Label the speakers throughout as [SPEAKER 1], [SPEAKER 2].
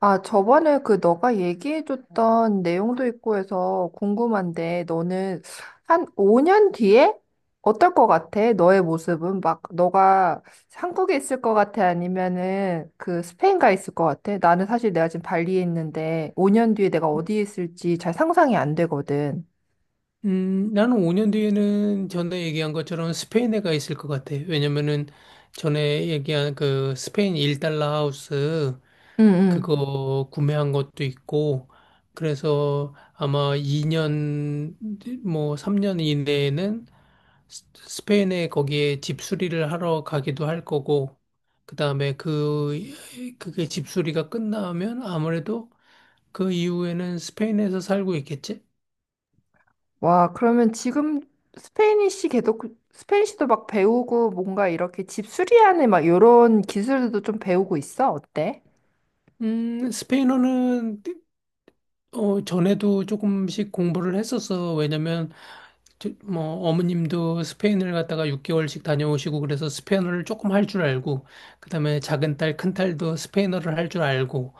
[SPEAKER 1] 아, 저번에 그 너가 얘기해줬던 내용도 있고 해서 궁금한데, 너는 한 5년 뒤에 어떨 것 같아? 너의 모습은? 막, 너가 한국에 있을 것 같아? 아니면은 그 스페인 가 있을 것 같아? 나는 사실 내가 지금 발리에 있는데, 5년 뒤에 내가 어디에 있을지 잘 상상이 안 되거든.
[SPEAKER 2] 나는 5년 뒤에는 전에 얘기한 것처럼 스페인에 가 있을 것 같아. 왜냐면은 전에 얘기한 그 스페인 1달러 하우스
[SPEAKER 1] 응, 응.
[SPEAKER 2] 그거 구매한 것도 있고, 그래서 아마 2년, 뭐 3년 이내에는 스페인에 거기에 집 수리를 하러 가기도 할 거고, 그 다음에 그게 집 수리가 끝나면 아무래도 그 이후에는 스페인에서 살고 있겠지?
[SPEAKER 1] 와, 그러면 지금 스페니쉬 계속, 스페니쉬도 막 배우고 뭔가 이렇게 집 수리하는 막 이런 기술도 좀 배우고 있어? 어때?
[SPEAKER 2] 스페인어는 전에도 조금씩 공부를 했었어. 왜냐면, 뭐, 어머님도 스페인을 갔다가 6개월씩 다녀오시고, 그래서 스페인어를 조금 할 줄 알고, 그다음에 작은 딸, 큰 딸도 스페인어를 할 줄 알고,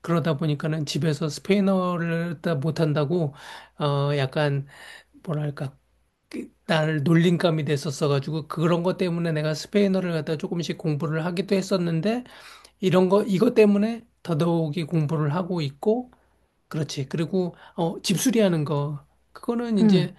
[SPEAKER 2] 그러다 보니까는 집에서 스페인어를 다 못한다고, 약간, 뭐랄까, 나를 놀림감이 됐었어가지고, 그런 것 때문에 내가 스페인어를 갖다 조금씩 공부를 하기도 했었는데, 이것 때문에 더더욱이 공부를 하고 있고, 그렇지. 그리고 집수리하는 거 그거는
[SPEAKER 1] 응.
[SPEAKER 2] 이제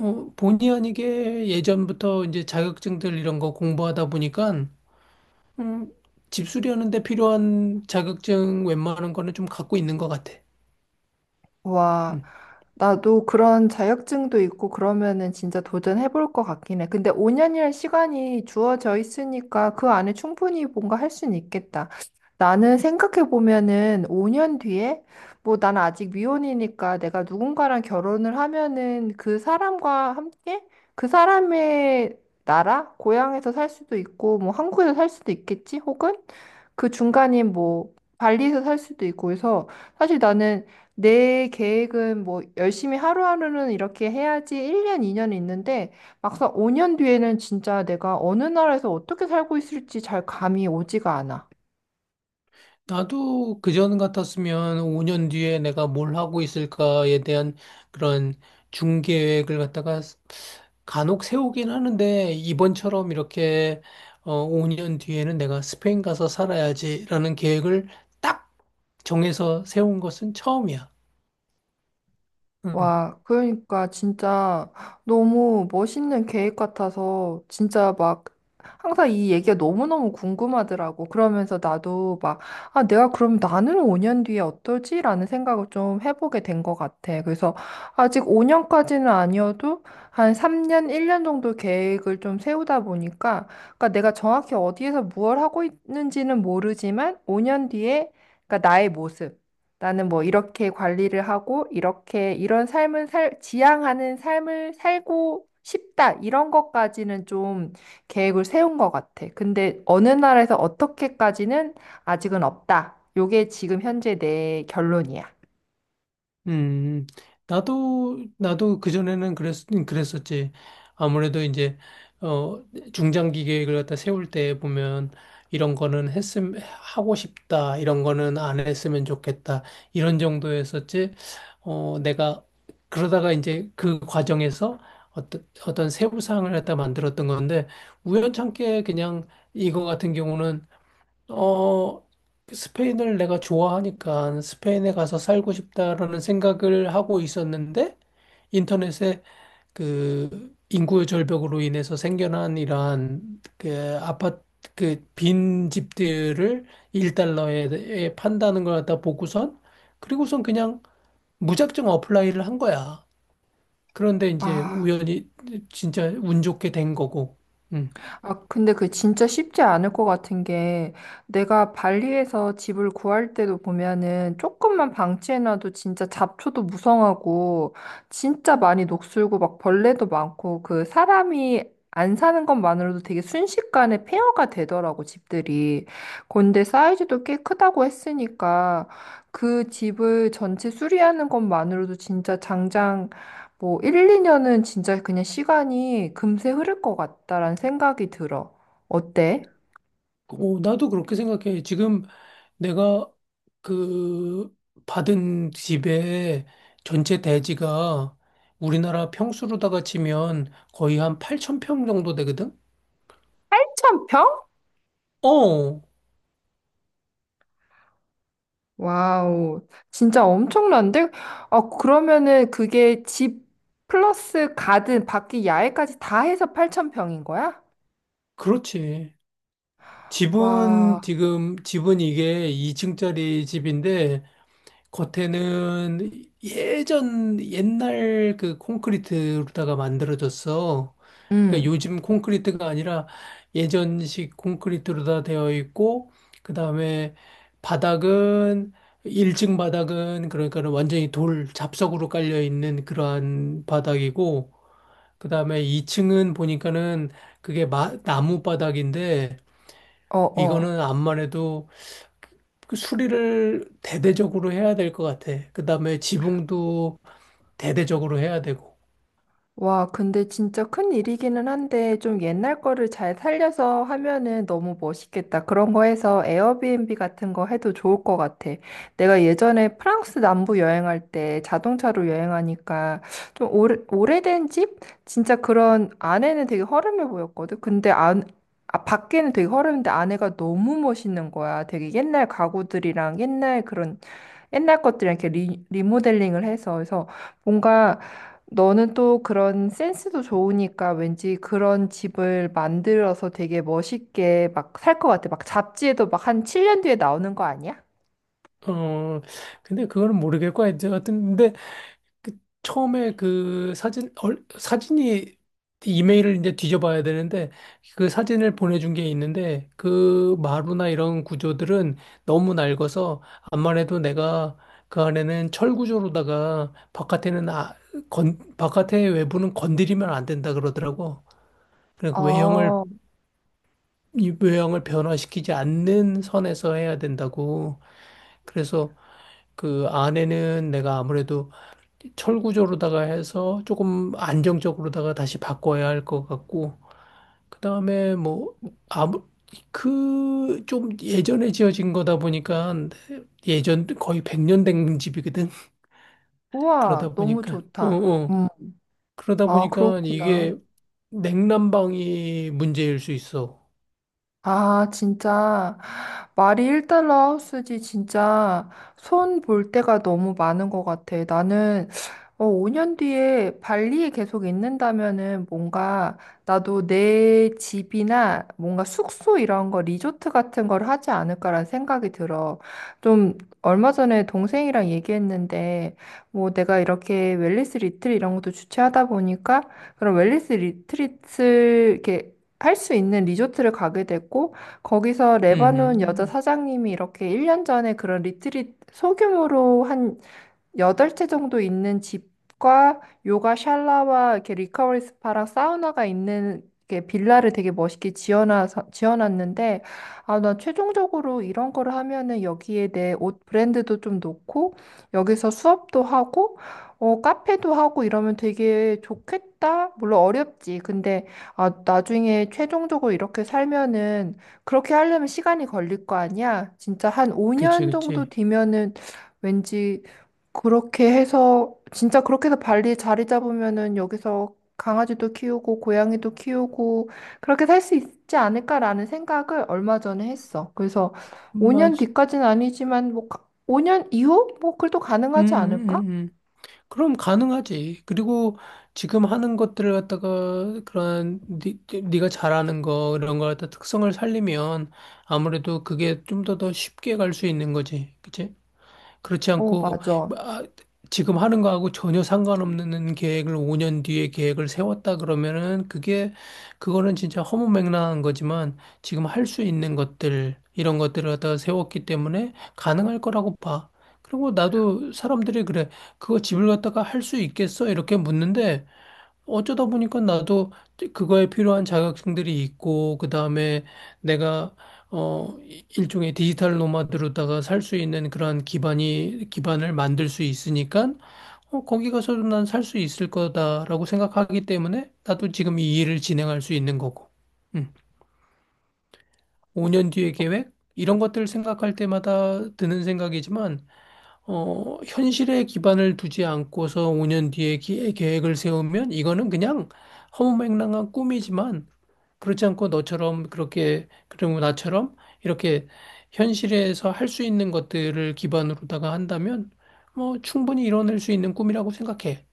[SPEAKER 2] 본의 아니게 예전부터 이제 자격증들 이런 거 공부하다 보니까 음, 집수리하는 데 필요한 자격증 웬만한 거는 좀 갖고 있는 것 같아.
[SPEAKER 1] 와,
[SPEAKER 2] 음.
[SPEAKER 1] 나도 그런 자격증도 있고 그러면은 진짜 도전해볼 것 같긴 해. 근데 5년이란 시간이 주어져 있으니까 그 안에 충분히 뭔가 할 수는 있겠다. 나는 생각해보면은 5년 뒤에 뭐 나는 아직 미혼이니까 내가 누군가랑 결혼을 하면은 그 사람과 함께 그 사람의 나라, 고향에서 살 수도 있고 뭐 한국에서 살 수도 있겠지? 혹은 그 중간인 뭐 발리에서 살 수도 있고 해서 사실 나는 내 계획은 뭐 열심히 하루하루는 이렇게 해야지 1년, 2년 있는데, 막상 5년 뒤에는 진짜 내가 어느 나라에서 어떻게 살고 있을지 잘 감이 오지가 않아.
[SPEAKER 2] 나도 그전 같았으면 5년 뒤에 내가 뭘 하고 있을까에 대한 그런 중계획을 갖다가 간혹 세우긴 하는데 이번처럼 이렇게 5년 뒤에는 내가 스페인 가서 살아야지라는 계획을 딱 정해서 세운 것은 처음이야. 응.
[SPEAKER 1] 와, 그러니까 진짜 너무 멋있는 계획 같아서 진짜 막 항상 이 얘기가 너무너무 궁금하더라고. 그러면서 나도 막, 아, 내가 그럼 나는 5년 뒤에 어떨지라는 생각을 좀 해보게 된 것 같아. 그래서 아직 5년까지는 아니어도 한 3년, 1년 정도 계획을 좀 세우다 보니까, 그러니까 내가 정확히 어디에서 무엇을 하고 있는지는 모르지만 5년 뒤에, 그러니까 나의 모습. 나는 뭐 이렇게 관리를 하고 이렇게 이런 삶을 살, 지향하는 삶을 살고 싶다. 이런 것까지는 좀 계획을 세운 것 같아. 근데 어느 나라에서 어떻게까지는 아직은 없다. 요게 지금 현재 내 결론이야.
[SPEAKER 2] 음, 나도 그전에는 그랬었지. 아무래도 이제, 어, 중장기 계획을 갖다 세울 때 보면, 이런 거는 했음, 하고 싶다. 이런 거는 안 했으면 좋겠다. 이런 정도였었지. 어, 내가, 그러다가 이제 그 과정에서 어떤 세부사항을 갖다 만들었던 건데, 우연찮게 그냥 이거 같은 경우는 어, 그 스페인을 내가 좋아하니까 스페인에 가서 살고 싶다라는 생각을 하고 있었는데 인터넷에 그 인구 절벽으로 인해서 생겨난 이러한 그 아파트 그 빈 집들을 1달러에 판다는 걸 갖다 보고선 그리고선 그냥 무작정 어플라이를 한 거야. 그런데 이제
[SPEAKER 1] 아.
[SPEAKER 2] 우연히 진짜 운 좋게 된 거고. 음.
[SPEAKER 1] 아, 근데 그 진짜 쉽지 않을 것 같은 게 내가 발리에서 집을 구할 때도 보면은 조금만 방치해놔도 진짜 잡초도 무성하고 진짜 많이 녹슬고 막 벌레도 많고 그 사람이 안 사는 것만으로도 되게 순식간에 폐허가 되더라고 집들이. 근데 사이즈도 꽤 크다고 했으니까 그 집을 전체 수리하는 것만으로도 진짜 장장 뭐 1, 2년은 진짜 그냥 시간이 금세 흐를 것 같다라는 생각이 들어. 어때?
[SPEAKER 2] 오, 나도 그렇게 생각해. 지금 내가 그 받은 집의 전체 대지가 우리나라 평수로다가 치면 거의 한 8,000평 정도 되거든?
[SPEAKER 1] 8,000평?
[SPEAKER 2] 어,
[SPEAKER 1] 와우, 진짜 엄청난데? 아, 그러면은 그게 집 플러스 가든 밖에 야외까지 다 해서 8,000평인 거야?
[SPEAKER 2] 그렇지.
[SPEAKER 1] 와,
[SPEAKER 2] 집은 이게 2층짜리 집인데 겉에는 예전 옛날 그 콘크리트로다가 만들어졌어.
[SPEAKER 1] 응,
[SPEAKER 2] 그러니까 요즘 콘크리트가 아니라 예전식 콘크리트로다 되어 있고 그다음에 바닥은 1층 바닥은 그러니까 는 완전히 돌 잡석으로 깔려 있는 그러한 바닥이고 그다음에 2층은 보니까는 그게 나무 바닥인데
[SPEAKER 1] 어, 어.
[SPEAKER 2] 이거는 암만 해도 그 수리를 대대적으로 해야 될 것 같아. 그 다음에 지붕도 대대적으로 해야 되고.
[SPEAKER 1] 와, 근데 진짜 큰 일이기는 한데 좀 옛날 거를 잘 살려서 하면은 너무 멋있겠다. 그런 거 해서 에어비앤비 같은 거 해도 좋을 것 같아. 내가 예전에 프랑스 남부 여행할 때 자동차로 여행하니까 좀 오래된 집? 진짜 그런 안에는 되게 허름해 보였거든. 근데 안, 아, 밖에는 되게 허름한데 안에가 너무 멋있는 거야. 되게 옛날 가구들이랑 옛날 그런 옛날 것들 이렇게 리, 리모델링을 해서 그래서 뭔가 너는 또 그런 센스도 좋으니까 왠지 그런 집을 만들어서 되게 멋있게 막 살 것 같아. 막 잡지에도 막 한 7년 뒤에 나오는 거 아니야?
[SPEAKER 2] 어, 근데 그거는 모르겠고, 이제 하여튼, 근데 그 처음에 그 사진이 이메일을 이제 뒤져봐야 되는데, 그 사진을 보내준 게 있는데, 그 마루나 이런 구조들은 너무 낡아서, 암만 해도 내가 그 안에는 철 구조로다가 바깥에는 바깥의 외부는 건드리면 안 된다 그러더라고. 그러니까 외형을
[SPEAKER 1] 아,
[SPEAKER 2] 이 외형을 변화시키지 않는 선에서 해야 된다고. 그래서 그 안에는 내가 아무래도 철구조로다가 해서 조금 안정적으로다가 다시 바꿔야 할 것 같고, 그 다음에 뭐, 아무, 좀 예전에 지어진 거다 보니까 예전 거의 100년 된 집이거든. 그러다
[SPEAKER 1] 우와, 너무
[SPEAKER 2] 보니까, 어,
[SPEAKER 1] 좋다.
[SPEAKER 2] 어. 그러다
[SPEAKER 1] 아,
[SPEAKER 2] 보니까
[SPEAKER 1] 그렇구나.
[SPEAKER 2] 이게 냉난방이 문제일 수 있어.
[SPEAKER 1] 아, 진짜. 말이 1달러 하우스지, 진짜. 손 볼 데가 너무 많은 것 같아. 나는, 어, 5년 뒤에 발리에 계속 있는다면은 뭔가 나도 내 집이나 뭔가 숙소 이런 거, 리조트 같은 걸 하지 않을까라는 생각이 들어. 좀, 얼마 전에 동생이랑 얘기했는데, 뭐 내가 이렇게 웰니스 리트릿 이런 것도 주최하다 보니까, 그런 웰니스 리트릿을 이렇게 할 수 있는 리조트를 가게 됐고 거기서 레바논 여자
[SPEAKER 2] 음,
[SPEAKER 1] 사장님이 이렇게 1년 전에 그런 리트릿 소규모로 한 여덟 채 정도 있는 집과 요가 샬라와 이렇게 리커버리 스파랑 사우나가 있는 이렇게 빌라를 되게 멋있게 지어놔서 지어놨는데, 아, 나 최종적으로 이런 거를 하면은 여기에 내 옷 브랜드도 좀 놓고 여기서 수업도 하고 어, 카페도 하고 이러면 되게 좋겠다. 물론 어렵지. 근데 아, 나중에 최종적으로 이렇게 살면은 그렇게 하려면 시간이 걸릴 거 아니야? 진짜 한
[SPEAKER 2] 그치,
[SPEAKER 1] 5년 정도
[SPEAKER 2] 그치.
[SPEAKER 1] 뒤면은 왠지 그렇게 해서 진짜 그렇게 해서 발리 자리 잡으면은 여기서 강아지도 키우고 고양이도 키우고 그렇게 살 수 있지 않을까라는 생각을 얼마 전에 했어. 그래서 5년
[SPEAKER 2] 맞,
[SPEAKER 1] 뒤까지는 아니지만 뭐 5년 이후 뭐 그래도
[SPEAKER 2] 음,
[SPEAKER 1] 가능하지
[SPEAKER 2] 음,
[SPEAKER 1] 않을까?
[SPEAKER 2] 음. 음. 그럼 가능하지. 그리고 지금 하는 것들을 갖다가 그런 네가 잘하는 거 이런 걸 갖다 특성을 살리면 아무래도 그게 좀 더 더 쉽게 갈 수 있는 거지. 그치? 그렇지
[SPEAKER 1] 어,
[SPEAKER 2] 않고
[SPEAKER 1] 맞아.
[SPEAKER 2] 뭐, 지금 하는 거하고 전혀 상관없는 계획을 5년 뒤에 계획을 세웠다 그러면은 그게 그거는 진짜 허무맹랑한 거지만 지금 할 수 있는 것들 이런 것들을 갖다 세웠기 때문에 가능할 거라고 봐. 그리고 나도 사람들이 그래. 그거 집을 갖다가 할 수 있겠어? 이렇게 묻는데 어쩌다 보니까 나도 그거에 필요한 자격증들이 있고, 그 다음에 내가, 어, 일종의 디지털 노마드로다가 살 수 있는 그러한 기반을 만들 수 있으니까, 거기 가서도 난 살 수 있을 거다라고 생각하기 때문에 나도 지금 이 일을 진행할 수 있는 거고. 음. 5년 뒤의 계획? 이런 것들을 생각할 때마다 드는 생각이지만, 현실에 기반을 두지 않고서 5년 뒤에 계획을 세우면 이거는 그냥 허무맹랑한 꿈이지만 그렇지 않고 너처럼 그렇게 그리고 나처럼 이렇게 현실에서 할 수 있는 것들을 기반으로다가 한다면 뭐 충분히 이뤄낼 수 있는 꿈이라고 생각해.